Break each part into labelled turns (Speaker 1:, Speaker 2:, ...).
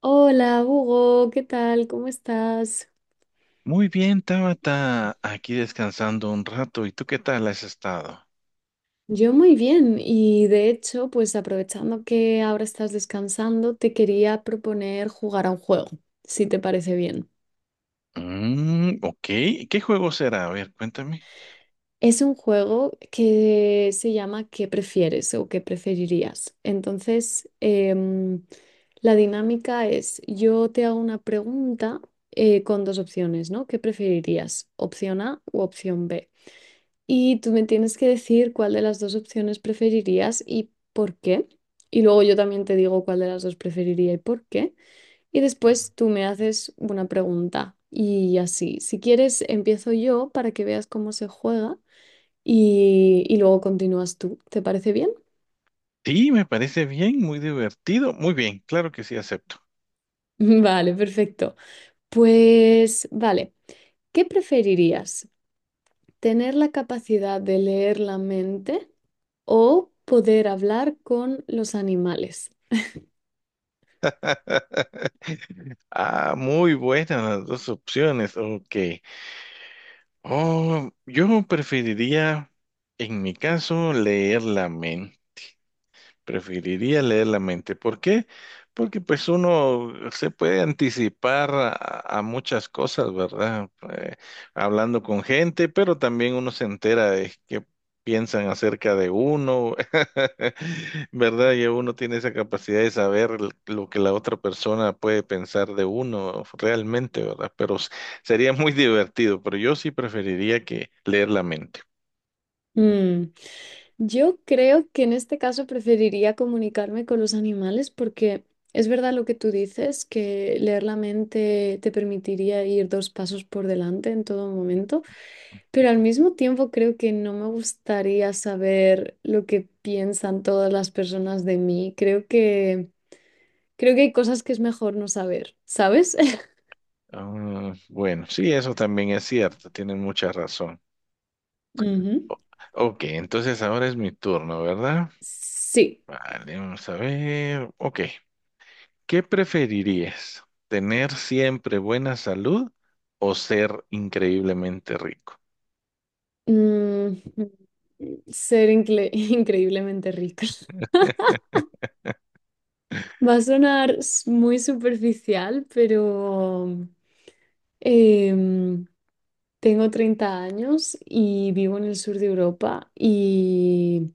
Speaker 1: Hola, Hugo, ¿qué tal? ¿Cómo estás?
Speaker 2: Muy bien, Tabata, aquí descansando un rato. ¿Y tú qué tal has estado?
Speaker 1: Yo muy bien y de hecho, pues aprovechando que ahora estás descansando, te quería proponer jugar a un juego, si te parece bien.
Speaker 2: Mm, ok, ¿qué juego será? A ver, cuéntame.
Speaker 1: Es un juego que se llama ¿Qué prefieres o qué preferirías? La dinámica es, yo te hago una pregunta con dos opciones, ¿no? ¿Qué preferirías? Opción A u opción B. Y tú me tienes que decir cuál de las dos opciones preferirías y por qué. Y luego yo también te digo cuál de las dos preferiría y por qué. Y después tú me haces una pregunta. Y así, si quieres, empiezo yo para que veas cómo se juega y luego continúas tú. ¿Te parece bien?
Speaker 2: Sí, me parece bien, muy divertido. Muy bien, claro que sí, acepto.
Speaker 1: Vale, perfecto. Pues vale, ¿qué preferirías? ¿Tener la capacidad de leer la mente o poder hablar con los animales?
Speaker 2: Ah, muy buenas las dos opciones. Ok. Oh, yo preferiría, en mi caso, leer la mente. Preferiría leer la mente. ¿Por qué? Porque pues uno se puede anticipar a muchas cosas, ¿verdad? Hablando con gente, pero también uno se entera de qué piensan acerca de uno, ¿verdad? Y uno tiene esa capacidad de saber lo que la otra persona puede pensar de uno realmente, ¿verdad? Pero sería muy divertido, pero yo sí preferiría que leer la mente.
Speaker 1: Mm, yo creo que en este caso preferiría comunicarme con los animales porque es verdad lo que tú dices, que leer la mente te permitiría ir dos pasos por delante en todo momento, pero al mismo tiempo creo que no me gustaría saber lo que piensan todas las personas de mí. Creo que hay cosas que es mejor no saber, ¿sabes?
Speaker 2: Ah, bueno, sí, eso también es cierto, tienen mucha razón.
Speaker 1: Ujú.
Speaker 2: O- ok, entonces ahora es mi turno, ¿verdad?
Speaker 1: Sí.
Speaker 2: Vale, vamos a ver. Ok, ¿qué preferirías? ¿Tener siempre buena salud o ser increíblemente rico?
Speaker 1: Mm, mm, Increíblemente rica. Va a sonar s- muy superficial, pero em, tengo 30 años y vivo en el sur de Europa y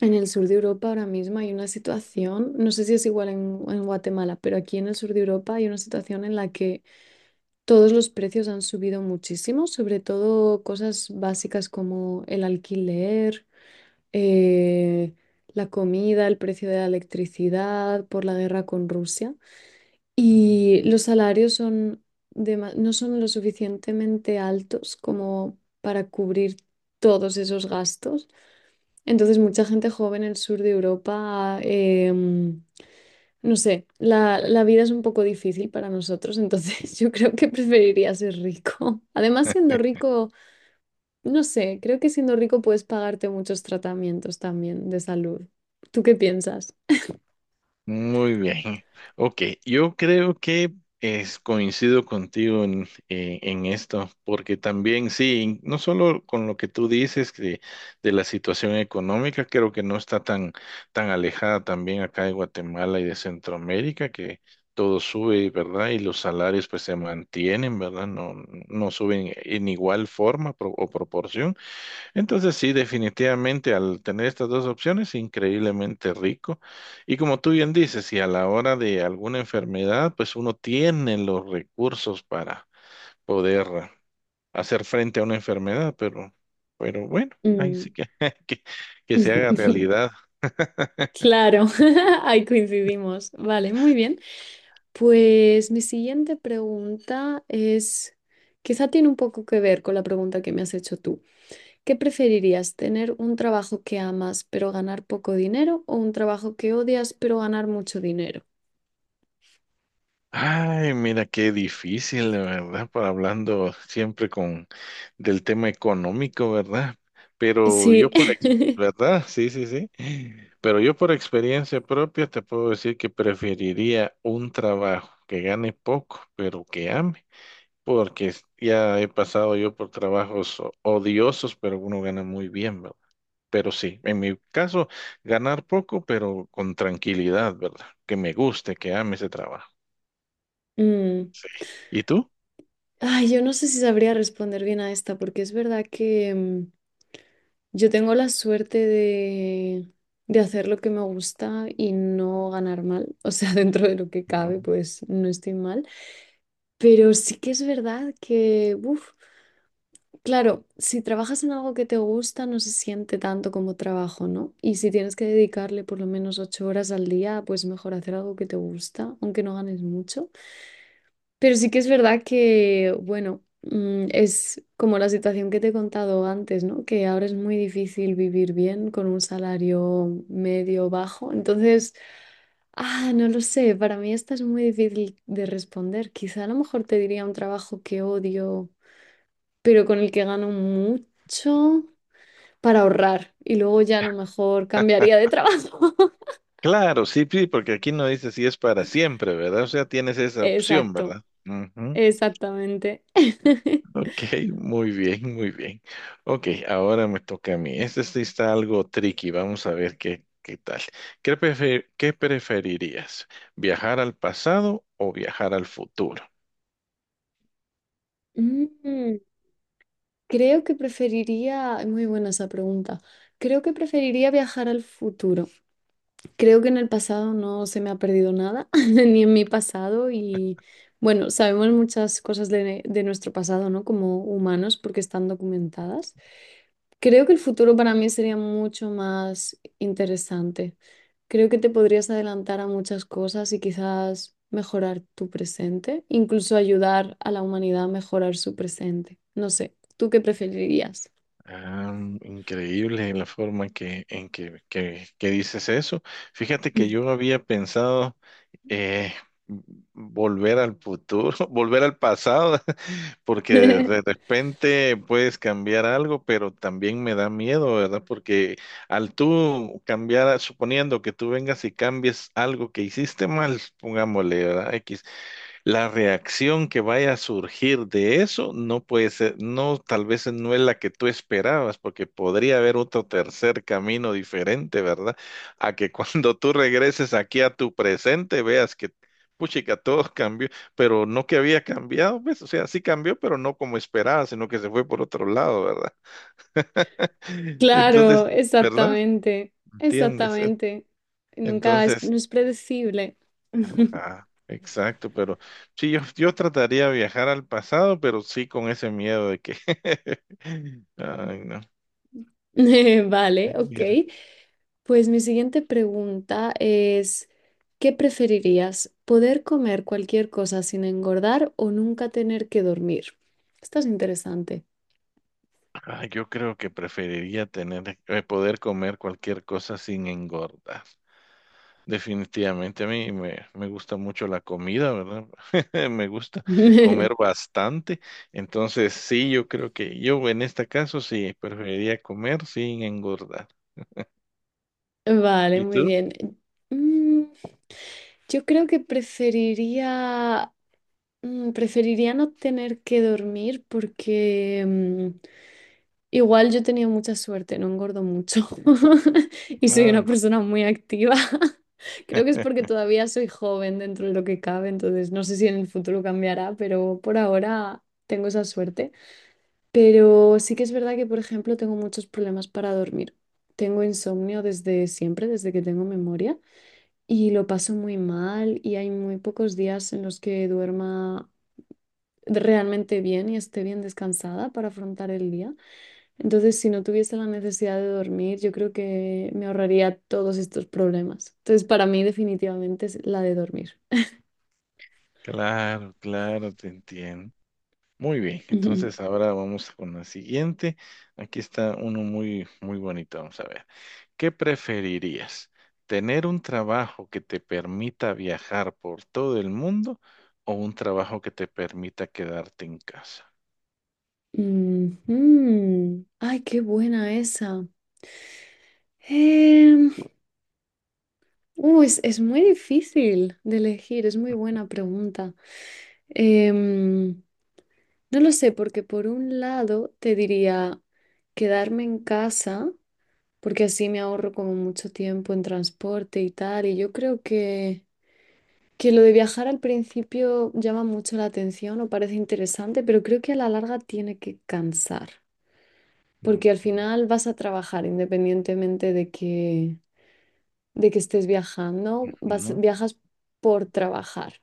Speaker 1: en el sur de Europa ahora mismo hay una situación, no sé si es igual en Guatemala, pero aquí en el sur de Europa hay una situación en la que todos los precios han subido muchísimo, sobre todo cosas básicas como el alquiler, eh, la comida, el precio de la electricidad por la guerra con Rusia. Y los salarios son no son lo suficientemente altos como para cubrir todos esos gastos. Entonces, mucha gente joven en el sur de Europa, no sé, la vida es un poco difícil para nosotros, entonces yo creo que preferiría ser rico. Además, siendo rico, no sé, creo que siendo rico puedes pagarte muchos tratamientos también de salud. ¿Tú qué piensas?
Speaker 2: Muy bien. Ok, yo creo que es, coincido contigo en esto, porque también sí, no solo con lo que tú dices que de la situación económica, creo que no está tan, tan alejada también acá de Guatemala y de Centroamérica, que todo sube, ¿verdad? Y los salarios pues se mantienen, ¿verdad? No, no suben en igual forma o proporción. Entonces sí, definitivamente al tener estas dos opciones, increíblemente rico. Y como tú bien dices, si a la hora de alguna enfermedad, pues uno tiene los recursos para poder hacer frente a una enfermedad, pero bueno, ahí sí
Speaker 1: Mm.
Speaker 2: que, que, que se haga realidad.
Speaker 1: Claro, ahí coincidimos. Vale, muy bien. Pues mi siguiente pregunta es, quizá tiene un poco que ver con la pregunta que me has hecho tú. ¿Qué preferirías, tener un trabajo que amas pero ganar poco dinero o un trabajo que odias pero ganar mucho dinero?
Speaker 2: Ay, mira qué difícil, de verdad, para hablando siempre con del tema económico, ¿verdad? Pero
Speaker 1: Sí.
Speaker 2: yo por ¿verdad? Sí, sí, sí. Pero yo por experiencia propia te puedo decir que preferiría un trabajo que gane poco, pero que ame, porque ya he pasado yo por trabajos odiosos, pero uno gana muy bien, ¿verdad? Pero sí, en mi caso, ganar poco, pero con tranquilidad, ¿verdad? Que me guste, que ame ese trabajo.
Speaker 1: Mm,
Speaker 2: Sí. ¿Y tú?
Speaker 1: ay, yo no sé si sabría responder bien a esta, porque es verdad que yo tengo la suerte de hacer lo que me gusta y no ganar mal. O sea, dentro de lo que
Speaker 2: Ujú.
Speaker 1: cabe, pues no estoy mal. Pero sí que es verdad que, uf, claro, si trabajas en algo que te gusta, no se siente tanto como trabajo, ¿no? Y si tienes que dedicarle por lo menos ocho horas al día, pues mejor hacer algo que te gusta, aunque no ganes mucho. Pero sí que es verdad que, bueno, es como la situación que te he contado antes, ¿no? Que ahora es muy difícil vivir bien con un salario medio bajo. Entonces, ah, no lo sé, para mí esta es muy difícil de responder. Quizá a lo mejor te diría un trabajo que odio, pero con el que gano mucho para ahorrar y luego ya a lo mejor cambiaría de trabajo.
Speaker 2: Claro, sí, sí, porque aquí no dice si es para siempre, ¿verdad? O sea, tienes esa opción,
Speaker 1: Exacto,
Speaker 2: ¿verdad? Ujú.
Speaker 1: exactamente.
Speaker 2: Ok, muy bien, muy bien. Ok, ahora me toca a mí. Este sí está algo tricky, vamos a ver qué, qué tal. ¿Qué preferirías? ¿Viajar al pasado o viajar al futuro?
Speaker 1: Mm. Creo que preferiría, muy buena esa pregunta, creo que preferiría viajar al futuro. Creo que en el pasado no se me ha perdido nada, ni en mi pasado. Y bueno, sabemos muchas cosas de nuestro pasado, ¿no? Como humanos, porque están documentadas. Creo que el futuro para mí sería mucho más interesante. Creo que te podrías adelantar a muchas cosas y quizás mejorar tu presente, incluso ayudar a la humanidad a mejorar su presente. No sé, ¿tú qué preferirías?
Speaker 2: Ah, increíble la forma en que dices eso. Fíjate que yo había pensado eh, volver al futuro, volver al pasado, porque de repente puedes cambiar algo, pero también me da miedo, ¿verdad? Porque al tú cambiar, suponiendo que tú vengas y cambies algo que hiciste mal, pongámosle, ¿verdad? X, la reacción que vaya a surgir de eso no puede ser, no, tal vez no es la que tú esperabas, porque podría haber otro tercer camino diferente, ¿verdad? A que cuando tú regreses aquí a tu presente veas que, puchica, todo cambió, pero no que había cambiado, pues, o sea, sí cambió, pero no como esperaba, sino que se fue por otro lado, ¿verdad?
Speaker 1: Claro,
Speaker 2: Entonces, ¿verdad?
Speaker 1: exactamente,
Speaker 2: ¿Entiendes?
Speaker 1: exactamente. Nunca es,
Speaker 2: Entonces,
Speaker 1: no es predecible.
Speaker 2: ah, exacto, pero sí, yo trataría de viajar al pasado, pero sí con ese miedo de que... Ay, no.
Speaker 1: Vale, ok.
Speaker 2: Mira,
Speaker 1: Pues mi siguiente pregunta es, ¿qué preferirías? ¿Poder comer cualquier cosa sin engordar o nunca tener que dormir? Esto es interesante.
Speaker 2: ah, yo creo que preferiría tener, poder comer cualquier cosa sin engordar. Definitivamente a mí me gusta mucho la comida, ¿verdad? Me gusta comer bastante. Entonces, sí, yo creo que yo en este caso sí preferiría comer sin engordar.
Speaker 1: Vale,
Speaker 2: ¿Y
Speaker 1: muy
Speaker 2: tú?
Speaker 1: bien. Mm, yo creo que preferiría, preferiría no tener que dormir porque... igual yo he tenido mucha suerte, no engordo mucho y soy una
Speaker 2: Ah,
Speaker 1: persona muy activa. Creo que es porque todavía soy joven dentro de lo que cabe, entonces no sé si en el futuro cambiará, pero por ahora tengo esa suerte. Pero sí que es verdad que, por ejemplo, tengo muchos problemas para dormir. Tengo insomnio desde siempre, desde que tengo memoria, y lo paso muy mal y hay muy pocos días en los que duerma realmente bien y esté bien descansada para afrontar el día. Entonces, si no tuviese la necesidad de dormir, yo creo que me ahorraría todos estos problemas. Entonces, para mí definitivamente es la de dormir.
Speaker 2: claro, claro, te entiendo. Muy bien, entonces ahora vamos con la siguiente. Aquí está uno muy, muy bonito. Vamos a ver. ¿Qué preferirías? ¿Tener un trabajo que te permita viajar por todo el mundo o un trabajo que te permita quedarte en casa?
Speaker 1: Ujú. Ay, qué buena esa. Em, es muy difícil de elegir, es muy buena pregunta. Em, no lo sé, porque por un lado te diría quedarme en casa, porque así me ahorro como mucho tiempo en transporte y tal, y yo creo que lo de viajar al principio llama mucho la atención o parece interesante, pero creo que a la larga tiene que cansar,
Speaker 2: Ujú,
Speaker 1: porque al final vas a trabajar independientemente de que estés viajando, vas,
Speaker 2: ujú,
Speaker 1: viajas por trabajar.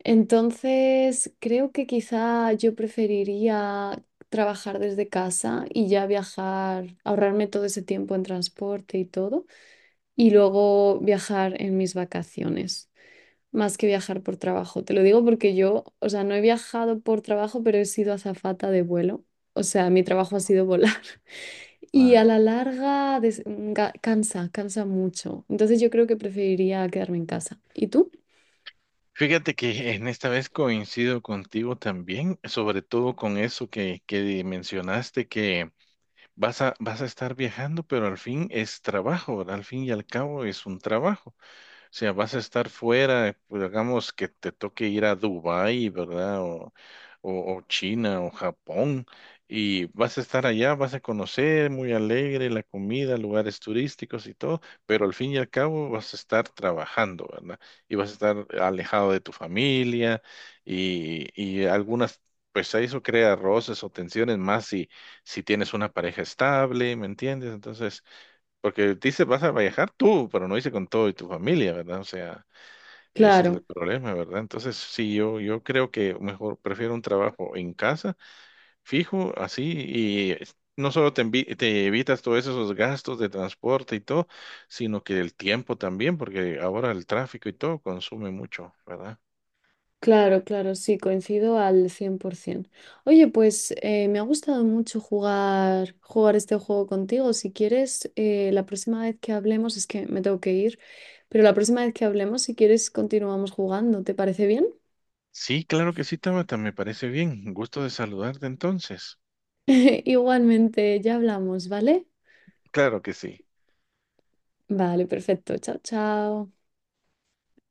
Speaker 1: Entonces, creo que quizá yo preferiría trabajar desde casa y ya viajar, ahorrarme todo ese tiempo en transporte y todo, y luego viajar en mis vacaciones más que viajar por trabajo. Te lo digo porque yo, o sea, no he viajado por trabajo, pero he sido azafata de vuelo. O sea, mi trabajo ha sido volar. Y a
Speaker 2: claro.
Speaker 1: la larga cansa, cansa mucho. Entonces yo creo que preferiría quedarme en casa. ¿Y tú?
Speaker 2: Fíjate que en esta vez coincido contigo también, sobre todo con eso que mencionaste, que vas a estar viajando, pero al fin es trabajo, ¿verdad? Al fin y al cabo es un trabajo. Sea, vas a estar fuera, pues, digamos que te toque ir a Dubái, ¿verdad? O China o Japón, y vas a estar allá, vas a conocer, muy alegre, la comida, lugares turísticos y todo, pero al fin y al cabo vas a estar trabajando, ¿verdad? Y vas a estar alejado de tu familia y algunas... Pues eso crea roces o tensiones más si, si tienes una pareja estable, ¿me entiendes? Entonces, porque dice, vas a viajar tú, pero no dice con todo y tu familia, ¿verdad? O sea, ese es el
Speaker 1: Claro,
Speaker 2: problema, ¿verdad? Entonces, sí, yo creo que mejor prefiero un trabajo en casa, fijo, así, y no solo te, te evitas todos esos gastos de transporte y todo, sino que el tiempo también, porque ahora el tráfico y todo consume mucho, ¿verdad?
Speaker 1: claro, claro, sí, coincido al 100%. Oye, pues me ha gustado mucho jugar este juego contigo. Si quieres, la próxima vez que hablemos, es que me tengo que ir, pero la próxima vez que hablemos, si quieres, continuamos jugando. ¿Te parece bien?
Speaker 2: Sí, claro que sí, Tabata, me parece bien. Gusto de saludarte entonces.
Speaker 1: Igualmente, ya hablamos, ¿vale?
Speaker 2: Claro que sí.
Speaker 1: Vale, perfecto. Chao, chao.